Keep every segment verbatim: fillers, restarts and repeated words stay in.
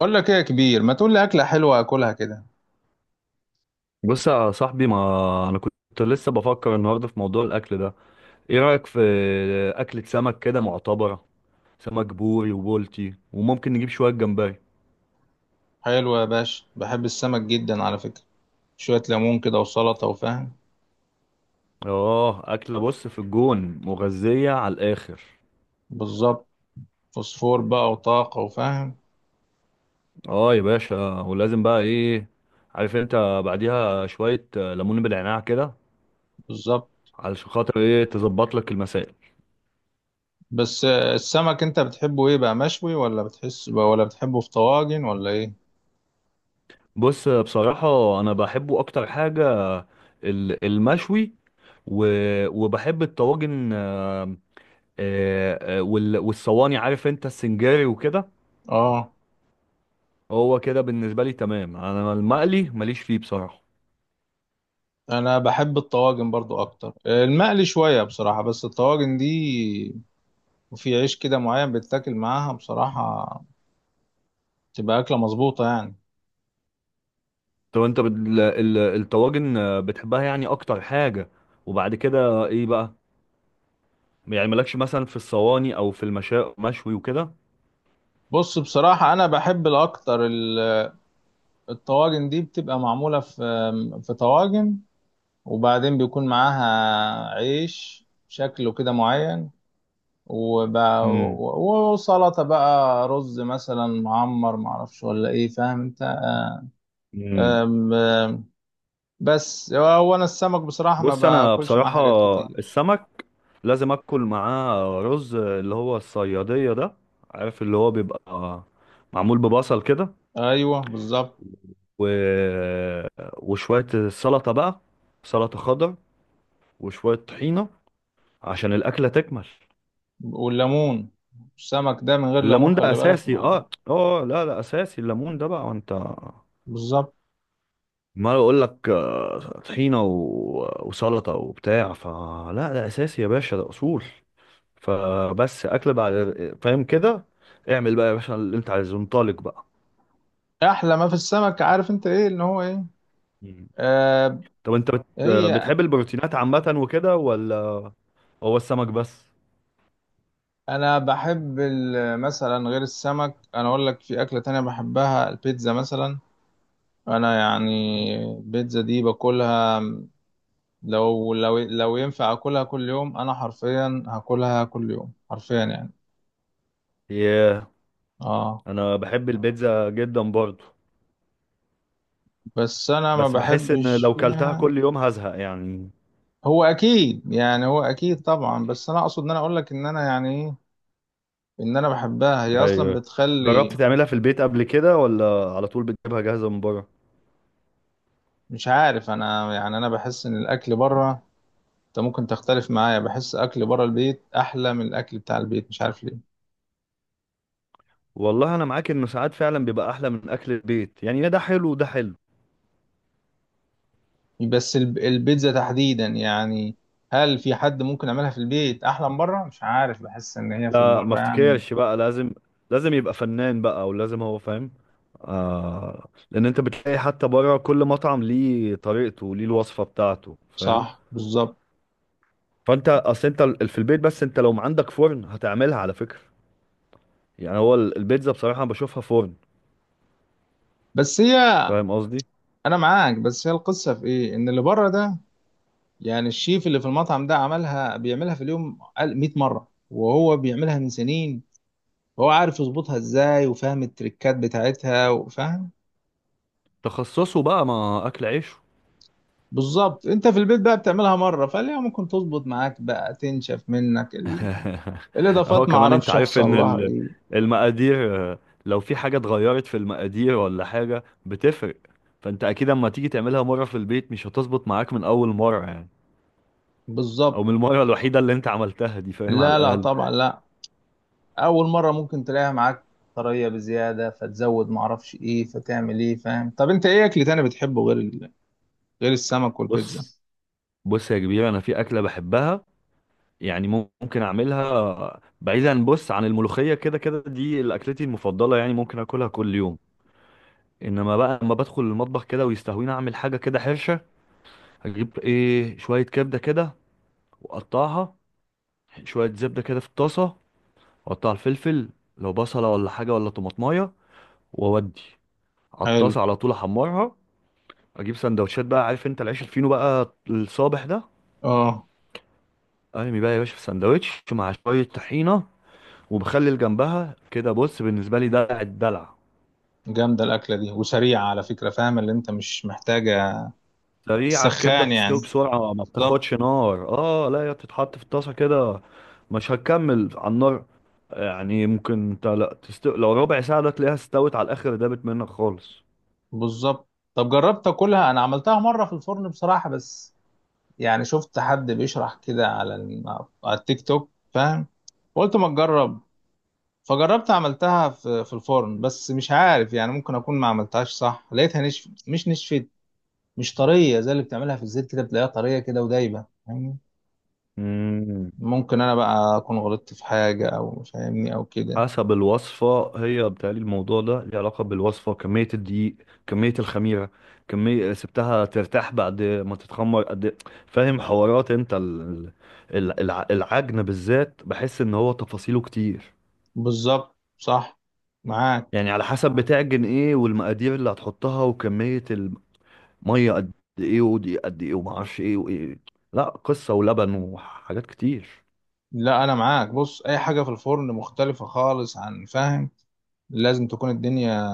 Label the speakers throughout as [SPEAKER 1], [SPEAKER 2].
[SPEAKER 1] اقول لك ايه يا كبير، ما تقول لي اكله حلوه اكلها كده.
[SPEAKER 2] بص يا صاحبي، ما انا كنت لسه بفكر النهارده في موضوع الاكل ده. ايه رايك في اكله سمك كده معتبره؟ سمك بوري وبولتي وممكن نجيب شويه جمبري.
[SPEAKER 1] حلوه يا باشا، بحب السمك جدا على فكره. شويه ليمون كده وسلطه وفاهم.
[SPEAKER 2] اه، اكله بص في الجون مغذيه على الاخر.
[SPEAKER 1] بالظبط، فوسفور بقى وطاقه وفاهم.
[SPEAKER 2] اه يا باشا، ولازم بقى ايه؟ عارف انت بعديها شويه ليمون بالعناع كده،
[SPEAKER 1] بالظبط.
[SPEAKER 2] علشان خاطر ايه تظبط لك المسائل.
[SPEAKER 1] بس آه، السمك انت بتحبه ايه بقى؟ مشوي ولا بتحس ولا بتحبه في طواجن ولا ايه؟
[SPEAKER 2] بص بصراحه انا بحبه اكتر حاجه ال- المشوي، و... وبحب الطواجن، آه، آه، آه، وال- والصواني. عارف انت السنجاري وكده.
[SPEAKER 1] اه،
[SPEAKER 2] هو كده بالنسبه لي تمام، انا المقلي ماليش فيه بصراحه.
[SPEAKER 1] انا بحب الطواجن برضو اكتر. آه، المقلي شويه بصراحه، بس الطواجن دي، وفي عيش كده معين بتاكل معاها بصراحه، تبقى اكله مظبوطه يعني.
[SPEAKER 2] طب انت بت- ال- ال- الطواجن، آه، بتحبها يعني اكتر حاجه؟ وبعد كده ايه بقى؟ يعني مالكش مثلا في الصواني او في المشا، مشوي وكده؟
[SPEAKER 1] بص، بصراحة أنا بحب الأكتر الطواجن دي، بتبقى معمولة في في طواجن، وبعدين بيكون معاها عيش شكله كده معين. وب...
[SPEAKER 2] امم.
[SPEAKER 1] و- وسلطة بقى، رز مثلا معمر معرفش ولا ايه فاهم انت.
[SPEAKER 2] امم.
[SPEAKER 1] أم- أم، بس هو انا السمك بصراحة ما
[SPEAKER 2] بص انا
[SPEAKER 1] باكلش معاه
[SPEAKER 2] بصراحه،
[SPEAKER 1] حاجات كتير.
[SPEAKER 2] السمك لازم اكل معاه رز اللي هو الصياديه ده. عارف اللي هو بيبقى معمول ببصل كده،
[SPEAKER 1] ايوه بالظبط،
[SPEAKER 2] و... وشوية سلطة بقى، سلطة خضر، وشوية طحينة عشان الأكلة تكمل.
[SPEAKER 1] والليمون، السمك ده من غير ليمون
[SPEAKER 2] الليمون ده
[SPEAKER 1] خلي بالك
[SPEAKER 2] أساسي،
[SPEAKER 1] ما.
[SPEAKER 2] اه اه، لا لا، أساسي الليمون ده بقى وانت.
[SPEAKER 1] بالظبط.
[SPEAKER 2] ما أقول لك، آه، طحينة و... وسلطة وبتاع فلا، ده أساسي يا باشا، ده أصول. فبس أكل بعد، فاهم كده. اعمل بقى يا باشا اللي انت عايزه، انطلق بقى.
[SPEAKER 1] احلى ما في السمك عارف انت ايه، ان هو ايه؟
[SPEAKER 2] مم.
[SPEAKER 1] آه.
[SPEAKER 2] طب انت بت...
[SPEAKER 1] هي،
[SPEAKER 2] بتحب البروتينات عامة وكده، ولا هو السمك بس؟
[SPEAKER 1] انا بحب ال- مثلا غير السمك، انا اقول لك في اكله تانية بحبها، البيتزا مثلا. انا يعني البيتزا دي باكلها، لو لو لو ينفع اكلها كل يوم انا حرفيا هاكلها كل يوم حرفيا يعني.
[SPEAKER 2] ياه،
[SPEAKER 1] اه،
[SPEAKER 2] انا بحب البيتزا جدا برضو،
[SPEAKER 1] بس انا ما
[SPEAKER 2] بس بحس ان
[SPEAKER 1] بحبش
[SPEAKER 2] لو كلتها
[SPEAKER 1] فيها.
[SPEAKER 2] كل يوم هزهق يعني.
[SPEAKER 1] هو اكيد يعني، هو اكيد طبعا، بس انا اقصد ان انا اقول لك ان انا يعني ايه، ان انا بحبها هي اصلا
[SPEAKER 2] ايوه. جربت
[SPEAKER 1] بتخلي.
[SPEAKER 2] تعملها في البيت قبل كده، ولا على طول بتجيبها جاهزة من بره؟
[SPEAKER 1] مش عارف، انا يعني انا بحس ان الاكل بره، انت ممكن تختلف معايا، بحس اكل بره البيت احلى من الاكل بتاع البيت، مش عارف ليه.
[SPEAKER 2] والله انا معاك انه ساعات فعلا بيبقى احلى من اكل البيت، يعني ده حلو وده حلو.
[SPEAKER 1] بس الب- البيتزا تحديدا يعني، هل في حد ممكن يعملها في البيت احلى من بره؟ مش عارف، بحس ان هي في
[SPEAKER 2] لا ما
[SPEAKER 1] البره يعني.
[SPEAKER 2] افتكرش، بقى لازم لازم يبقى فنان بقى، او لازم هو فاهم. آه، لان انت بتلاقي حتى بره كل مطعم ليه طريقته، ليه الوصفة بتاعته فاهم.
[SPEAKER 1] صح بالظبط.
[SPEAKER 2] فانت اصل انت ال- في البيت، بس انت لو ما عندك فرن هتعملها على فكرة. يعني هو ال- البيتزا بصراحة أنا بشوفها فرن.
[SPEAKER 1] بس هي،
[SPEAKER 2] فاهم قصدي؟
[SPEAKER 1] انا معاك، بس هي القصه في ايه، ان اللي بره ده يعني الشيف اللي في المطعم ده عملها، بيعملها في اليوم قال- مئة مره وهو بيعملها من سنين، هو عارف يظبطها ازاي وفاهم التريكات بتاعتها وفاهم.
[SPEAKER 2] تخصصه بقى، ما اكل عيشه.
[SPEAKER 1] بالظبط، انت في البيت بقى بتعملها مره، فليه ممكن تظبط معاك؟ بقى تنشف منك ال...
[SPEAKER 2] اهو
[SPEAKER 1] الاضافات، ما
[SPEAKER 2] كمان انت
[SPEAKER 1] اعرفش
[SPEAKER 2] عارف
[SPEAKER 1] يحصل
[SPEAKER 2] ان
[SPEAKER 1] لها
[SPEAKER 2] ال-
[SPEAKER 1] ايه.
[SPEAKER 2] المقادير، آه، لو في حاجة اتغيرت في المقادير ولا حاجة بتفرق. فانت اكيد اما تيجي تعملها مرة في البيت مش هتظبط معاك من اول مرة يعني،
[SPEAKER 1] بالظبط.
[SPEAKER 2] او من المرة الوحيدة اللي انت عملتها دي، فاهم على
[SPEAKER 1] لا لا
[SPEAKER 2] الاقل.
[SPEAKER 1] طبعا لا، اول مره ممكن تلاقيها معاك طريه بزياده، فتزود ما اعرفش ايه فتعمل ايه فاهم. طب انت ايه اكل تاني بتحبه غير ال... غير السمك
[SPEAKER 2] بص
[SPEAKER 1] والبيتزا؟
[SPEAKER 2] بص يا كبير، انا في اكلة بحبها يعني. ممكن اعملها بعيدا، بص، عن الملوخية، كده كده دي اكلتي المفضلة، يعني ممكن اكلها كل يوم. انما بقى لما بدخل المطبخ كده ويستهويني اعمل حاجه كده حرشه، اجيب ايه شويه كبده كده واقطعها، شويه زبده كده في الطاسه، واقطع الفلفل، لو بصله ولا حاجه ولا طماطمايه، واودي على
[SPEAKER 1] حلو.
[SPEAKER 2] الطاسه على طول احمرها. اجيب سندوتشات بقى، عارف انت العيش الفينو بقى الصابح ده،
[SPEAKER 1] اه،
[SPEAKER 2] ارمي بقى يا باشا في سندوتش مع شويه طحينه وبخلي جنبها كده. بص بالنسبه لي ده الدلع.
[SPEAKER 1] جامده الاكله دي وسريعه على فكره، فاهم اللي انت مش محتاجه
[SPEAKER 2] سريعة الكبدة،
[SPEAKER 1] السخان يعني.
[SPEAKER 2] بتستوي بسرعة، ما
[SPEAKER 1] بالظبط.
[SPEAKER 2] بتاخدش نار. اه، لا، هي بتتحط في الطاسة كده، مش هتكمل على النار. يعني ممكن انت لا تست... لو ربع ساعة ده تلاقيها استوت على الآخر، دابت منك خالص.
[SPEAKER 1] بالظبط، طب جربت اكلها؟ انا عملتها مره في الفرن بصراحه، بس يعني شفت حد بيشرح كده على ال- على التيك توك فاهم، قلت ما تجرب، فجربت عملتها في في الفرن، بس مش عارف، يعني ممكن اكون ما عملتهاش صح، لقيتها نشف مش نشفت، مش طريه زي اللي بتعملها في الزيت كده بتلاقيها طريه كده ودايبه فاهمني.
[SPEAKER 2] مم.
[SPEAKER 1] ممكن انا بقى اكون غلطت في حاجه او فاهمني او كده.
[SPEAKER 2] حسب الوصفة، هي بتهيألي الموضوع ده ليه علاقة بالوصفة. كمية الدقيق، كمية الخميرة، كمية سبتها ترتاح بعد ما تتخمر قد إيه. فاهم حوارات انت ال... ال... الع- العجن بالذات، بحس ان هو تفاصيله كتير.
[SPEAKER 1] بالظبط، صح، معاك.
[SPEAKER 2] يعني على حسب بتعجن ايه، والمقادير اللي هتحطها، وكمية المية قد ايه، ودي قد ايه، ومعرفش ايه وايه، لا قصة ولبن وحاجات كتير.
[SPEAKER 1] لا انا معاك، بص اي حاجه في الفرن مختلفه خالص عن فاهم، لازم تكون الدنيا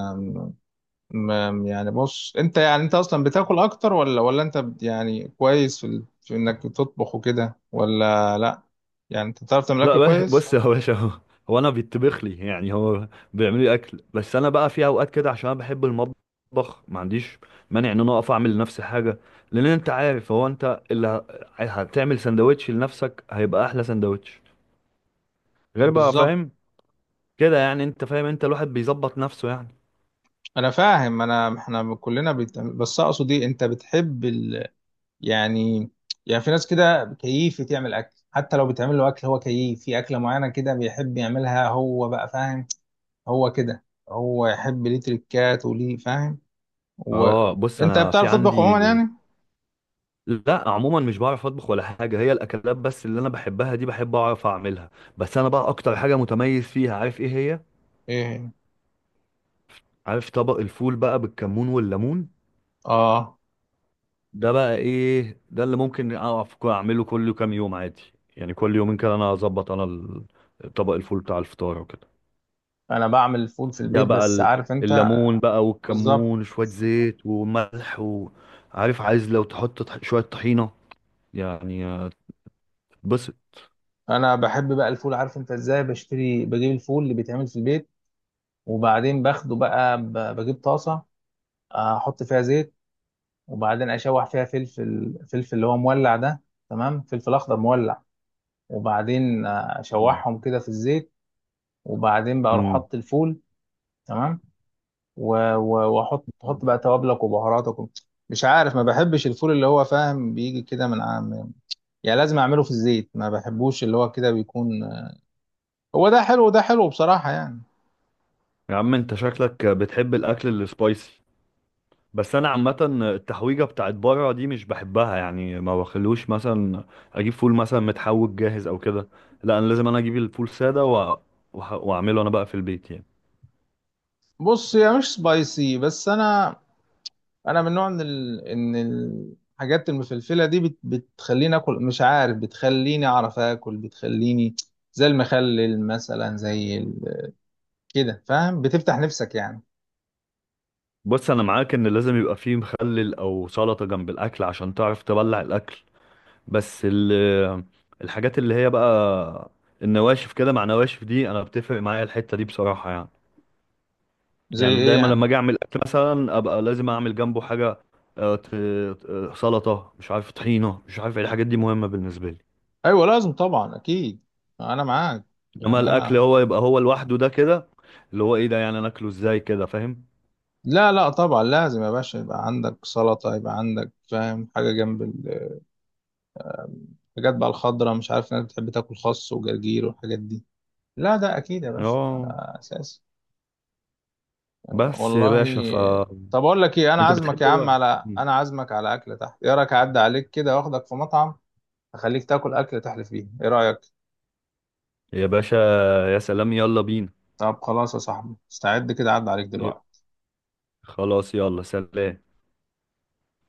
[SPEAKER 1] ما- يعني بص، انت يعني، انت اصلا بتاكل اكتر ولا ولا انت بت- يعني كويس في، ال... في انك تطبخ وكده ولا لا؟ يعني انت بتعرف تعمل
[SPEAKER 2] لا
[SPEAKER 1] اكل
[SPEAKER 2] ب-
[SPEAKER 1] كويس؟
[SPEAKER 2] بص يا باشا، هو هو انا بيطبخ لي يعني، هو بيعمل لي اكل. بس انا بقى في اوقات كده، عشان انا بحب المطبخ، ما عنديش مانع ان انا اقف اعمل لنفسي حاجة. لان انت عارف، هو انت اللي ه- هتعمل سندوتش لنفسك هيبقى احلى سندوتش، غير بقى
[SPEAKER 1] بالظبط.
[SPEAKER 2] فاهم كده يعني. انت فاهم، انت الواحد بيظبط نفسه يعني.
[SPEAKER 1] انا فاهم، انا احنا كلنا بت... بس اقصد ايه، انت بتحب ال... يعني، يعني في ناس كده كيف تعمل اكل، حتى لو بتعمل له اكل هو كيف في اكله معينه كده بيحب يعملها هو بقى فاهم، هو كده، هو يحب ليه تريكات وليه فاهم،
[SPEAKER 2] اه، بص
[SPEAKER 1] وانت
[SPEAKER 2] انا في
[SPEAKER 1] بتعرف تطبخ
[SPEAKER 2] عندي،
[SPEAKER 1] عموما يعني؟
[SPEAKER 2] لا عموما مش بعرف اطبخ ولا حاجه. هي الاكلات بس اللي انا بحبها دي، بحب اعرف اعملها. بس انا بقى اكتر حاجه متميز فيها، عارف ايه هي؟
[SPEAKER 1] ايه؟
[SPEAKER 2] عارف طبق الفول بقى بالكمون والليمون،
[SPEAKER 1] اه،
[SPEAKER 2] ده بقى ايه، ده اللي ممكن اعرف كو- اعمله كل كام يوم عادي. يعني كل يومين كده انا اظبط انا ال- طبق الفول بتاع الفطار وكده.
[SPEAKER 1] انا بعمل الفول في
[SPEAKER 2] ده
[SPEAKER 1] البيت
[SPEAKER 2] بقى
[SPEAKER 1] بس
[SPEAKER 2] ال-
[SPEAKER 1] عارف انت.
[SPEAKER 2] الليمون بقى
[SPEAKER 1] بالظبط.
[SPEAKER 2] والكمون وشويه زيت وملح، وعارف عايز لو تحط طح- شويه طحينه يعني، آه، تتبسط.
[SPEAKER 1] انا بحب بقى الفول عارف انت ازاي؟ بشتري، بجيب الفول اللي بيتعمل في البيت، وبعدين باخده بقى ب- بجيب طاسه، احط فيها زيت، وبعدين اشوح فيها فلفل، فلفل اللي هو مولع ده، تمام، فلفل اخضر مولع، وبعدين اشوحهم كده في الزيت، وبعدين بقى اروح
[SPEAKER 2] مم.
[SPEAKER 1] احط الفول، تمام، و- و- واحط احط بقى
[SPEAKER 2] مم.
[SPEAKER 1] توابلك وبهاراتك و-. مش عارف، ما بحبش الفول اللي هو فاهم بيجي كده من، يعني لازم اعمله في الزيت، ما بحبوش اللي هو كده بيكون، هو ده حلو وده حلو بصراحة يعني.
[SPEAKER 2] يا عم انت شكلك بتحب الاكل السبايسي، بس انا عامه التحويجه بتاعت بره دي مش بحبها يعني. ما بخلوش مثلا اجيب فول مثلا متحوج جاهز او كده، لا انا لازم انا اجيب الفول ساده و... وح- واعمله انا بقى في البيت يعني.
[SPEAKER 1] بص هي مش سبايسي، بس انا، انا من نوع ان ال... ان الحاجات المفلفلة دي بت... بتخليني اكل، مش عارف، بتخليني اعرف اكل، بتخليني زي المخلل مثلا، زي ال... كده فاهم، بتفتح نفسك يعني.
[SPEAKER 2] بص انا معاك ان لازم يبقى فيه مخلل او سلطه جنب الاكل عشان تعرف تبلع الاكل. بس ال... الحاجات اللي هي بقى النواشف كده مع نواشف دي، انا بتفرق معايا الحته دي بصراحه يعني.
[SPEAKER 1] زي
[SPEAKER 2] يعني
[SPEAKER 1] ايه
[SPEAKER 2] دايما لما
[SPEAKER 1] يعني؟
[SPEAKER 2] اجي اعمل اكل مثلا، ابقى لازم اعمل جنبه حاجه، آه، ت- آه، سلطه، مش عارف طحينه، مش عارف إيه، الحاجات دي مهمه بالنسبه لي.
[SPEAKER 1] ايوه لازم طبعا، اكيد. انا معاك،
[SPEAKER 2] انما
[SPEAKER 1] يعني
[SPEAKER 2] الاكل
[SPEAKER 1] انا.
[SPEAKER 2] هو يبقى هو لوحده ده كده، اللي هو ايه ده، يعني انا اكله ازاي كده، فاهم؟
[SPEAKER 1] لا لا طبعا، لازم يا باشا يبقى عندك سلطة، يبقى عندك فاهم حاجة جنب، حاجات بقى الخضرة، مش عارف، ناس بتحب تاكل خس وجرجير والحاجات دي، لا ده أكيد يا باشا، ده
[SPEAKER 2] اه.
[SPEAKER 1] أساسي.
[SPEAKER 2] بس يا
[SPEAKER 1] والله،
[SPEAKER 2] باشا ف،
[SPEAKER 1] طب أقول لك إيه، أنا
[SPEAKER 2] انت
[SPEAKER 1] عازمك يا
[SPEAKER 2] بتحب
[SPEAKER 1] عم
[SPEAKER 2] بقى
[SPEAKER 1] على، أنا عازمك على أكلة تحت، إيه رأيك أعدي عليك كده وآخدك في مطعم، أخليك تاكل أكلة تحلف فيها، إيه رأيك؟
[SPEAKER 2] يا باشا، يا سلام يلا بينا.
[SPEAKER 1] طب خلاص يا صاحبي، استعد كده أعدي عليك
[SPEAKER 2] ي-
[SPEAKER 1] دلوقتي.
[SPEAKER 2] خلاص، يلا سلام.